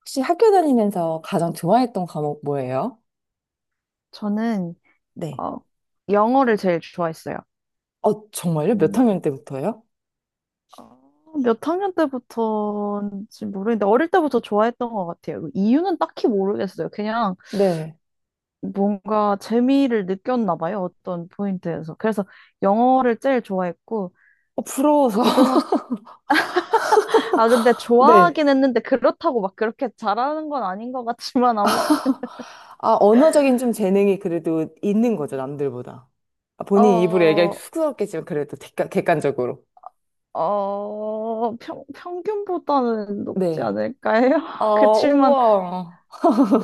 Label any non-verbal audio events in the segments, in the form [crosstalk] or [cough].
혹시 학교 다니면서 가장 좋아했던 과목 뭐예요? 저는 네. 어, 영어를 제일 좋아했어요. 어, 정말요? 몇 음, 학년 때부터요? 어, 몇 학년 때부터인지 모르겠는데 어릴 때부터 좋아했던 것 같아요. 그 이유는 딱히 모르겠어요. 그냥 네. 뭔가 재미를 느꼈나 봐요. 어떤 포인트에서. 그래서 영어를 제일 좋아했고 어, 부러워서. [laughs] 고등학교 아 근데 네. 좋아하긴 했는데 그렇다고 막 그렇게 잘하는 건 아닌 것 같지만 아무튼 아, 언어적인 좀 재능이 그래도 있는 거죠, 남들보다. 아, 본인 입으로 얘기하기 어, 쑥스럽겠지만 그래도 객관적으로. 어, 평, 평균보다는 높지 네. 않을까요? 아, [laughs] 그치만 우와.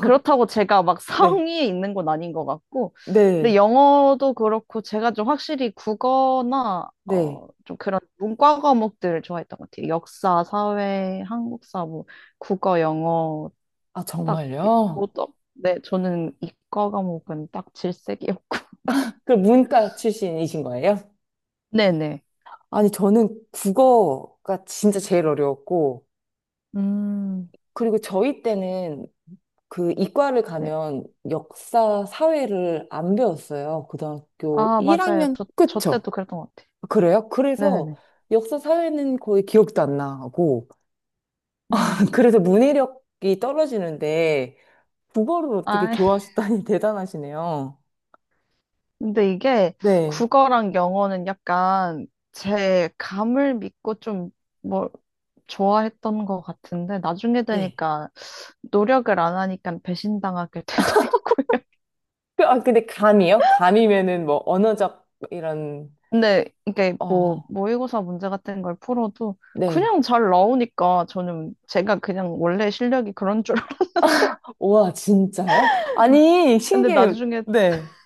그렇다고 제가 막 네. 성이 있는 건 아닌 것 같고, 근데 네. 영어도 그렇고 제가 좀 확실히 국어나 네. 좀 그런 문과 과목들을 좋아했던 것 같아요. 역사, 사회, 한국사, 뭐 국어, 영어 아, 딱 정말요? 오덕. 네, 저는 이과 과목은 딱 질색이었고. [laughs] 그럼 문과 출신이신 거예요? 네네. 아니, 저는 국어가 진짜 제일 어려웠고, 음, 그리고 저희 때는 그 이과를 네. 가면 역사, 사회를 안 배웠어요. 고등학교 아, 맞아요. 1학년 저 끝죠? 때도 그랬던 것 같아요. 그래요? 그래서 네네네. 역사, 사회는 거의 기억도 안 나고 음. [laughs] 그래서 문해력이 떨어지는데 국어를 어떻게 아, 좋아하시다니 [laughs] 대단하시네요. 근데 이게 네. 국어랑 영어는 약간 제 감을 믿고 좀 뭐 좋아했던 것 같은데 나중에 네. 되니까 노력을 안 하니까 배신당하게 [laughs] 되더라고요. 아, 근데 감이요? 감이면은 뭐 언어적 이런 근데 이게 뭐 어, 모의고사 문제 같은 걸 풀어도 네. 그냥 잘 나오니까 저는 제가 그냥 원래 실력이 그런 줄 알았는데 와, 진짜요? [laughs] 아니, 근데 신기해요. 나중에 네.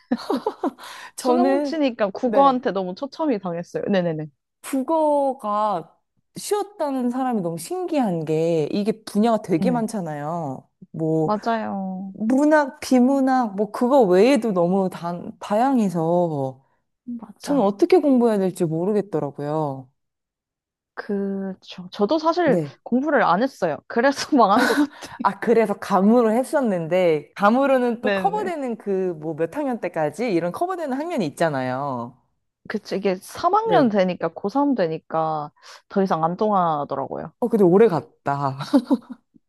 수능 저는 치니까 네. 국어한테 너무 초점이 당했어요. 네네네. 국어가 쉬웠다는 사람이 너무 신기한 게 이게 분야가 되게 네. 많잖아요. 뭐 맞아요. 문학, 비문학, 뭐 그거 외에도 너무 다양해서 저는 맞아. 어떻게 공부해야 될지 모르겠더라고요. 그죠. 저도 사실 네. 공부를 안 했어요. 그래서 [laughs] 망한 것 같아요. 아, 그래서 감으로 했었는데 감으로는 또 네네. 커버되는 그 뭐 몇 학년 때까지 이런 커버되는 학년이 있잖아요. 그치, 이게 3학년 네. 되니까, 고3 되니까 더 이상 안 통하더라고요. 어, 근데 오래 갔다. [laughs]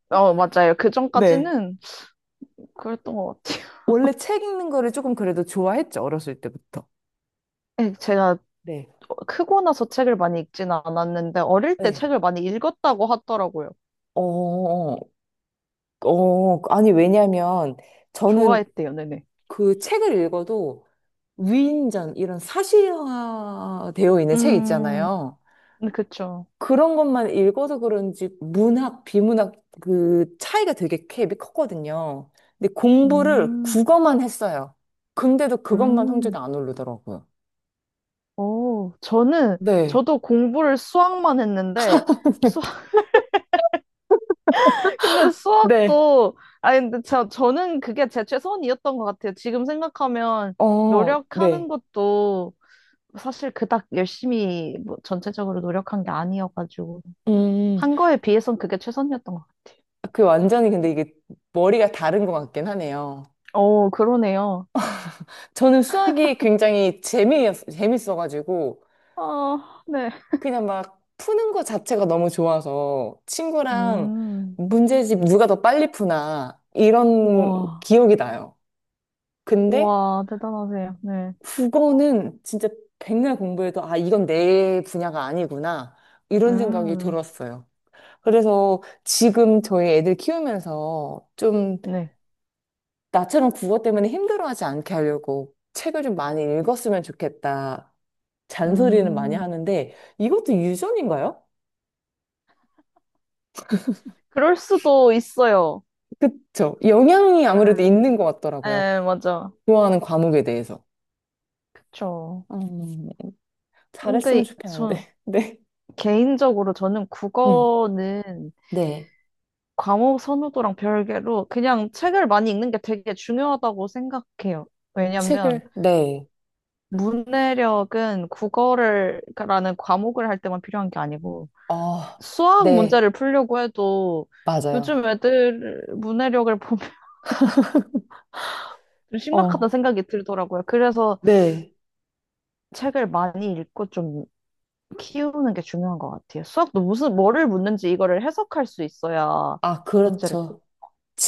어, 맞아요. 그 네. 전까지는 그랬던 것 같아요. 원래 책 읽는 거를 조금 그래도 좋아했죠, 어렸을 때부터. 예, 제가 네. 크고 나서 책을 많이 읽지는 않았는데, 어릴 때 네. 책을 많이 읽었다고 하더라고요. 어, 어, 어. 아니, 왜냐면 저는 좋아했대요, 네네. 그 책을 읽어도 위인전 이런 사실화 되어 있는 책 음, 있잖아요. 네, 그쵸. 그런 것만 읽어서 그런지 문학, 비문학 그 차이가 되게 갭이 컸거든요. 근데 공부를 음, 국어만 했어요. 근데도 그것만 성적이 음, 안 오르더라고요. 오, 저는, 네. 저도 공부를 수학만 했는데, 수 [laughs] 근데 네. 수업도, 아니, 근데 저는 그게 제 최선이었던 것 같아요. 지금 생각하면 어, 노력하는 네. 것도 사실 그닥 열심히 뭐 전체적으로 노력한 게 아니어가지고. 음, 한 거에 비해선 그게 최선이었던 것 같아요. 그 완전히 근데 이게 머리가 다른 것 같긴 하네요. 어, 그러네요. 저는 수학이 굉장히 재밌어가지고, 아, 네. 그냥 막 푸는 거 자체가 너무 좋아서, 친구랑 음, 문제집 누가 더 빨리 푸나, 이런 와, 기억이 나요. 근데 와, 대단하세요. 네. 국어는 진짜 백날 공부해도, 아, 이건 내 분야가 아니구나, 이런 생각이 음, 들었어요. 그래서 지금 저희 애들 키우면서 좀 네. 나처럼 국어 때문에 힘들어하지 않게 하려고 책을 좀 많이 읽었으면 좋겠다. 잔소리는 많이 음, 하는데 이것도 유전인가요? 그럴 수도 있어요. 그쵸. 영향이 아무래도 있는 것 같더라고요. 네, 맞아. 좋아하는 과목에 대해서. 그쵸. 음, 잘했으면 근데 좋겠는데. 전 [laughs] 네. 개인적으로 저는 음, 국어는 네. 과목 선호도랑 별개로 그냥 책을 많이 읽는 게 되게 중요하다고 생각해요. 왜냐면 책을, 네. 문해력은 국어를 라는 과목을 할 때만 필요한 게 아니고 아, 수학 네. 문제를 풀려고 해도 맞아요. 요즘 애들 문해력을 보면 [laughs] 좀 심각하다 어, 생각이 들더라고요. 그래서 네. 책을 많이 읽고 좀 키우는 게 중요한 것 같아요. 수학도 무슨 뭐를 묻는지 이거를 해석할 수 있어야 아, 문제를 풀. 그렇죠.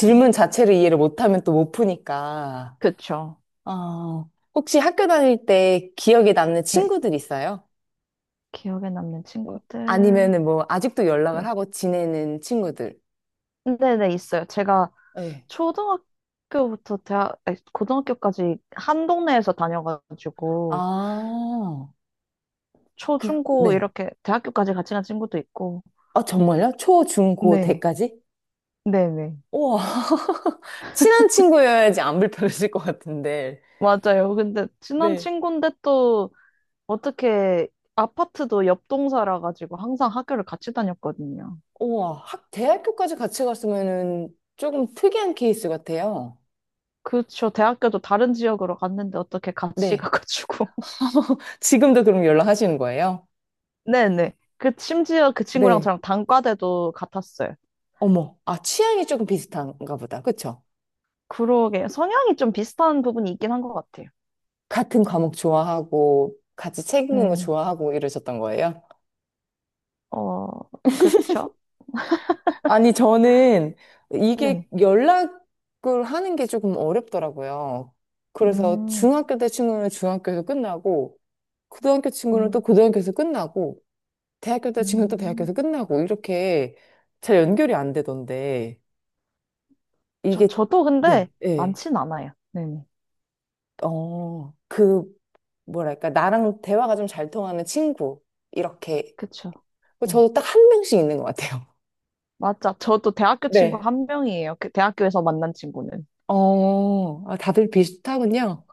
네. 자체를 이해를 못하면 또 못 푸니까. 그쵸. 아, 혹시 학교 다닐 때 기억에 남는 네. 친구들 있어요? 기억에 남는 친구들. 아니면은 뭐 아직도 연락을 네. 하고 지내는 친구들. 네네, 있어요. 제가 네 초등학교부터 대학, 아니, 고등학교까지 한 동네에서 다녀가지고, 아, 초, 그, 중, 고 네. 이렇게 대학교까지 같이 간 친구도 있고. 아, 정말요? 초, 중, 고, 네. 대까지? 네네. 우와. [laughs] 친한 친구여야지 안 불편해질 것 같은데. 맞아요. 근데 친한 네. 친구인데 또 어떻게 아파트도 옆 동사라 가지고 항상 학교를 같이 다녔거든요. 우와. 학, 대학교까지 같이 갔으면은 조금 특이한 케이스 같아요. 그쵸. 대학교도 다른 지역으로 갔는데 어떻게 같이 [laughs] 네. 가가지고. 지금도 그럼 연락하시는 거예요? 네네. 그, 심지어 그 친구랑 네. 저랑 단과대도 같았어요. 어머. 아, 취향이 조금 비슷한가 보다. 그쵸? 그러게. 성향이 좀 비슷한 부분이 있긴 한 것 같아요. 같은 과목 좋아하고, 같이 책 읽는 거 음, 좋아하고 이러셨던 거예요? 어, 그쵸? 아니, 저는 네. 이게 연락을 하는 게 조금 어렵더라고요. 그래서 음, 중학교 때 친구는 중학교에서 끝나고, 고등학교 친구는 또 음, 고등학교에서 끝나고, 대학교 때 친구는 또 음. 대학교에서 끝나고, 이렇게 잘 연결이 안 되던데, 저, 이게, 저도 근데 네, 예. 많진 않아요. 네네. 어, 그, 뭐랄까, 나랑 대화가 좀 잘 통하는 친구, 이렇게. 그쵸? 뭐 네. 저도 딱 한 명씩 있는 것 같아요. 맞아. 저도 대학교 친구 네. 한 명이에요. 그 대학교에서 만난 친구는. 어, 아, 다들 비슷하군요.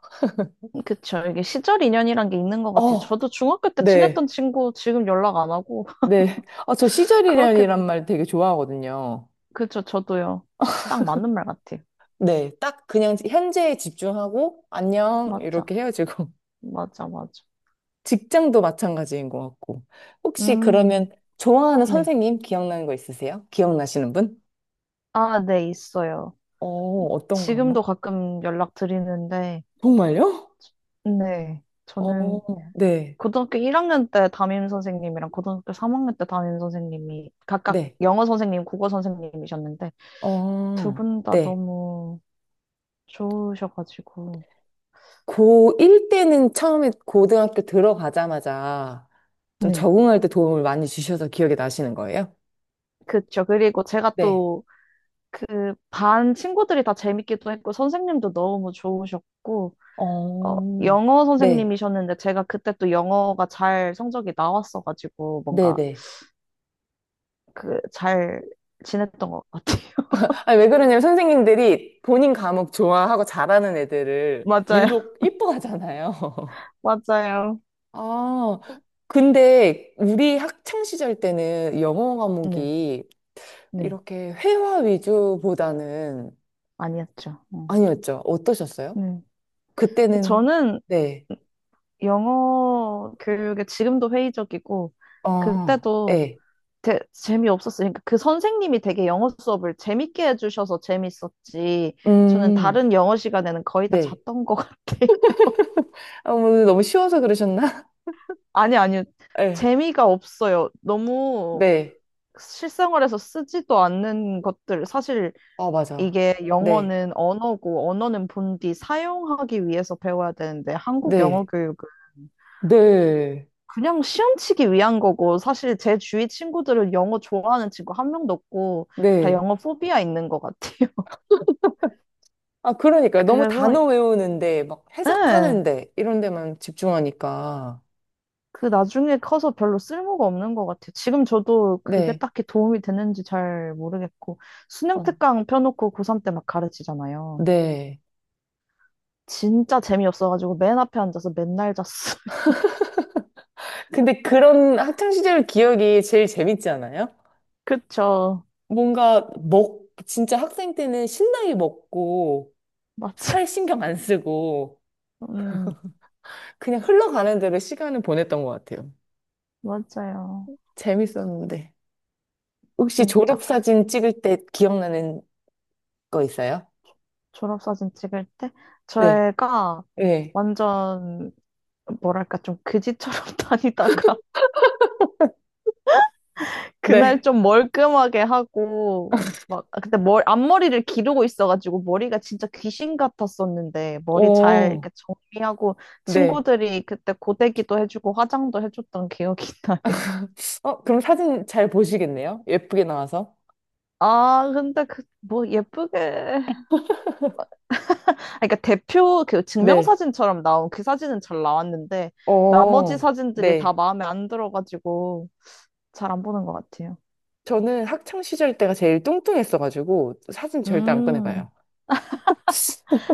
그쵸. 이게 시절 인연이란 게 있는 것 같아요. 어, 저도 중학교 때 네. 친했던 친구 지금 연락 안 하고. 네. [laughs] 아, 저 그렇게, 시절이란이란 말 되게 좋아하거든요. 그쵸. 저도요. 딱 맞는 말 같아요. 네. 딱 그냥 현재에 집중하고, 안녕, 맞아, 이렇게 헤어지고. 맞아, 맞아. [laughs] 직장도 마찬가지인 것 같고. 혹시 음, 그러면 좋아하는 네. 선생님 기억나는 거 있으세요? 기억나시는 분? 아, 네, 있어요. 어, 어떤 거 한번? 지금도 가끔 연락 드리는데, 정말요? 네. 저는 어, 네. 고등학교 1학년 때 담임 선생님이랑 고등학교 3학년 때 담임 선생님이 각각 네. 영어 선생님, 국어 선생님이셨는데, 두 어, 분 다 네. 너무 좋으셔가지고. 고1 때는 처음에 고등학교 들어가자마자 좀 네. 적응할 때 도움을 많이 주셔서 기억이 나시는 거예요? 그쵸. 그리고 제가 네. 또 그 반 친구들이 다 재밌기도 했고, 선생님도 너무 좋으셨고, 어, 어, 영어 네, 선생님이셨는데 제가 그때 또 영어가 잘 성적이 나왔어가지고 뭔가 네네. 그 잘 지냈던 것 같아요. [laughs] 아니, 왜 그러냐면 선생님들이 본인 과목 좋아하고 잘하는 애들을 맞아요. 유독 [laughs] 이뻐하잖아요. [laughs] 맞아요. 아, 근데 우리 학창 시절 때는 영어 네. 과목이 네. 이렇게 회화 위주보다는 아니었죠. 음. 아니었죠. 어떠셨어요? 네. 그때는 저는 네. 영어 교육에 지금도 회의적이고 어. 그때도 네. 재미없었어요. 그러니까 그 선생님이 되게 영어 수업을 재밌게 해주셔서 재밌었지. 저는 음. 다른 영어 시간에는 거의 다 네. 잤던 것 같아요. 아, 뭐 너무 쉬워서 그러셨나? 아니, 아니요. [laughs] 네. 재미가 없어요. 너무 네. 실생활에서 쓰지도 않는 것들. 사실 아, 맞아. 이게 네. 영어는 언어고, 언어는 본디 사용하기 위해서 배워야 되는데, 한국 영어 네. 교육은 네, 그냥 시험치기 위한 거고, 사실 제 주위 친구들은 영어 좋아하는 친구 한 명도 없고, 다 네. 영어 포비아 있는 것 같아요. 아, 그러니까 [laughs] 너무 그래서, 단어 외우는데, 막 예. 해석하는데, 이런 데만 집중하니까. 그 나중에 커서 별로 쓸모가 없는 것 같아요. 지금 저도 그게 네, 딱히 도움이 되는지 잘 모르겠고, 수능 어, 특강 펴놓고 고3 때 막 가르치잖아요. 네. 진짜 재미없어가지고 맨 앞에 앉아서 맨날 잤어요. [laughs] 근데 그런 학창시절 기억이 제일 재밌지 않아요? 그쵸. 뭔가 진짜 학생 때는 신나게 먹고, 맞죠. 살 신경 안 쓰고, 음, 그냥 흘러가는 대로 시간을 보냈던 것 같아요. 맞아요. 재밌었는데. 혹시 진짜. 졸업사진 찍을 때 기억나는 거 있어요? 졸업사진 찍을 때, 네, 제가 네, 완전, 뭐랄까, 좀 그지처럼 [laughs] 다니다가, 그날 네. 좀 멀끔하게 하고, 막, 아, 그때 머 앞머리를 기르고 있어가지고, 머리가 진짜 귀신 같았었는데, 머리 잘 오, 이렇게 정리하고, 네. 친구들이 그때 고데기도 해주고, 화장도 해줬던 기억이 [laughs] 나요. 어, 그럼 사진 잘 보시겠네요? 예쁘게 나와서? 아, 근데 그, 뭐, 예쁘게. 아, 그러니까 대표 그 네. 증명사진처럼 나온 그 사진은 잘 나왔는데, 나머지 어, 사진들이 다 네. 마음에 안 들어가지고, 잘 안 보는 것 같아요. 저는 학창 시절 때가 제일 뚱뚱했어가지고 사진 절대 안 음. 꺼내봐요.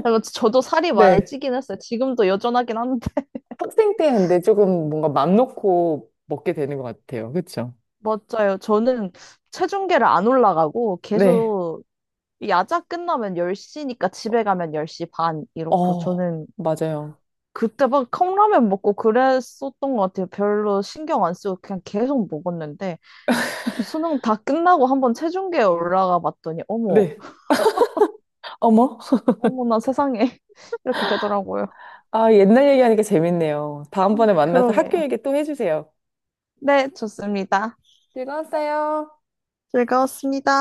그래서 저도 살이 많이 네. 찌긴 했어요. 지금도 여전하긴 한데. 학생 때 근데 조금 뭔가 맘 놓고 먹게 되는 것 같아요. 그쵸? 맞아요. 저는 체중계를 안 올라가고 네. 계속 야자 끝나면 10시니까 집에 가면 10시 반 이렇고 어, 저는 맞아요. 그때 막 컵라면 먹고 그랬었던 것 같아요. 별로 신경 안 쓰고 그냥 계속 먹었는데 수능 다 끝나고 한번 체중계에 올라가 봤더니 어머, 네. 어머. 어머나 세상에 [laughs] 이렇게 되더라고요. 아, 옛날 얘기하니까 재밌네요. 다음번에 만나서 학교 그러게요. 얘기 또 해주세요. 네, 좋습니다. 즐거웠어요. 즐거웠습니다.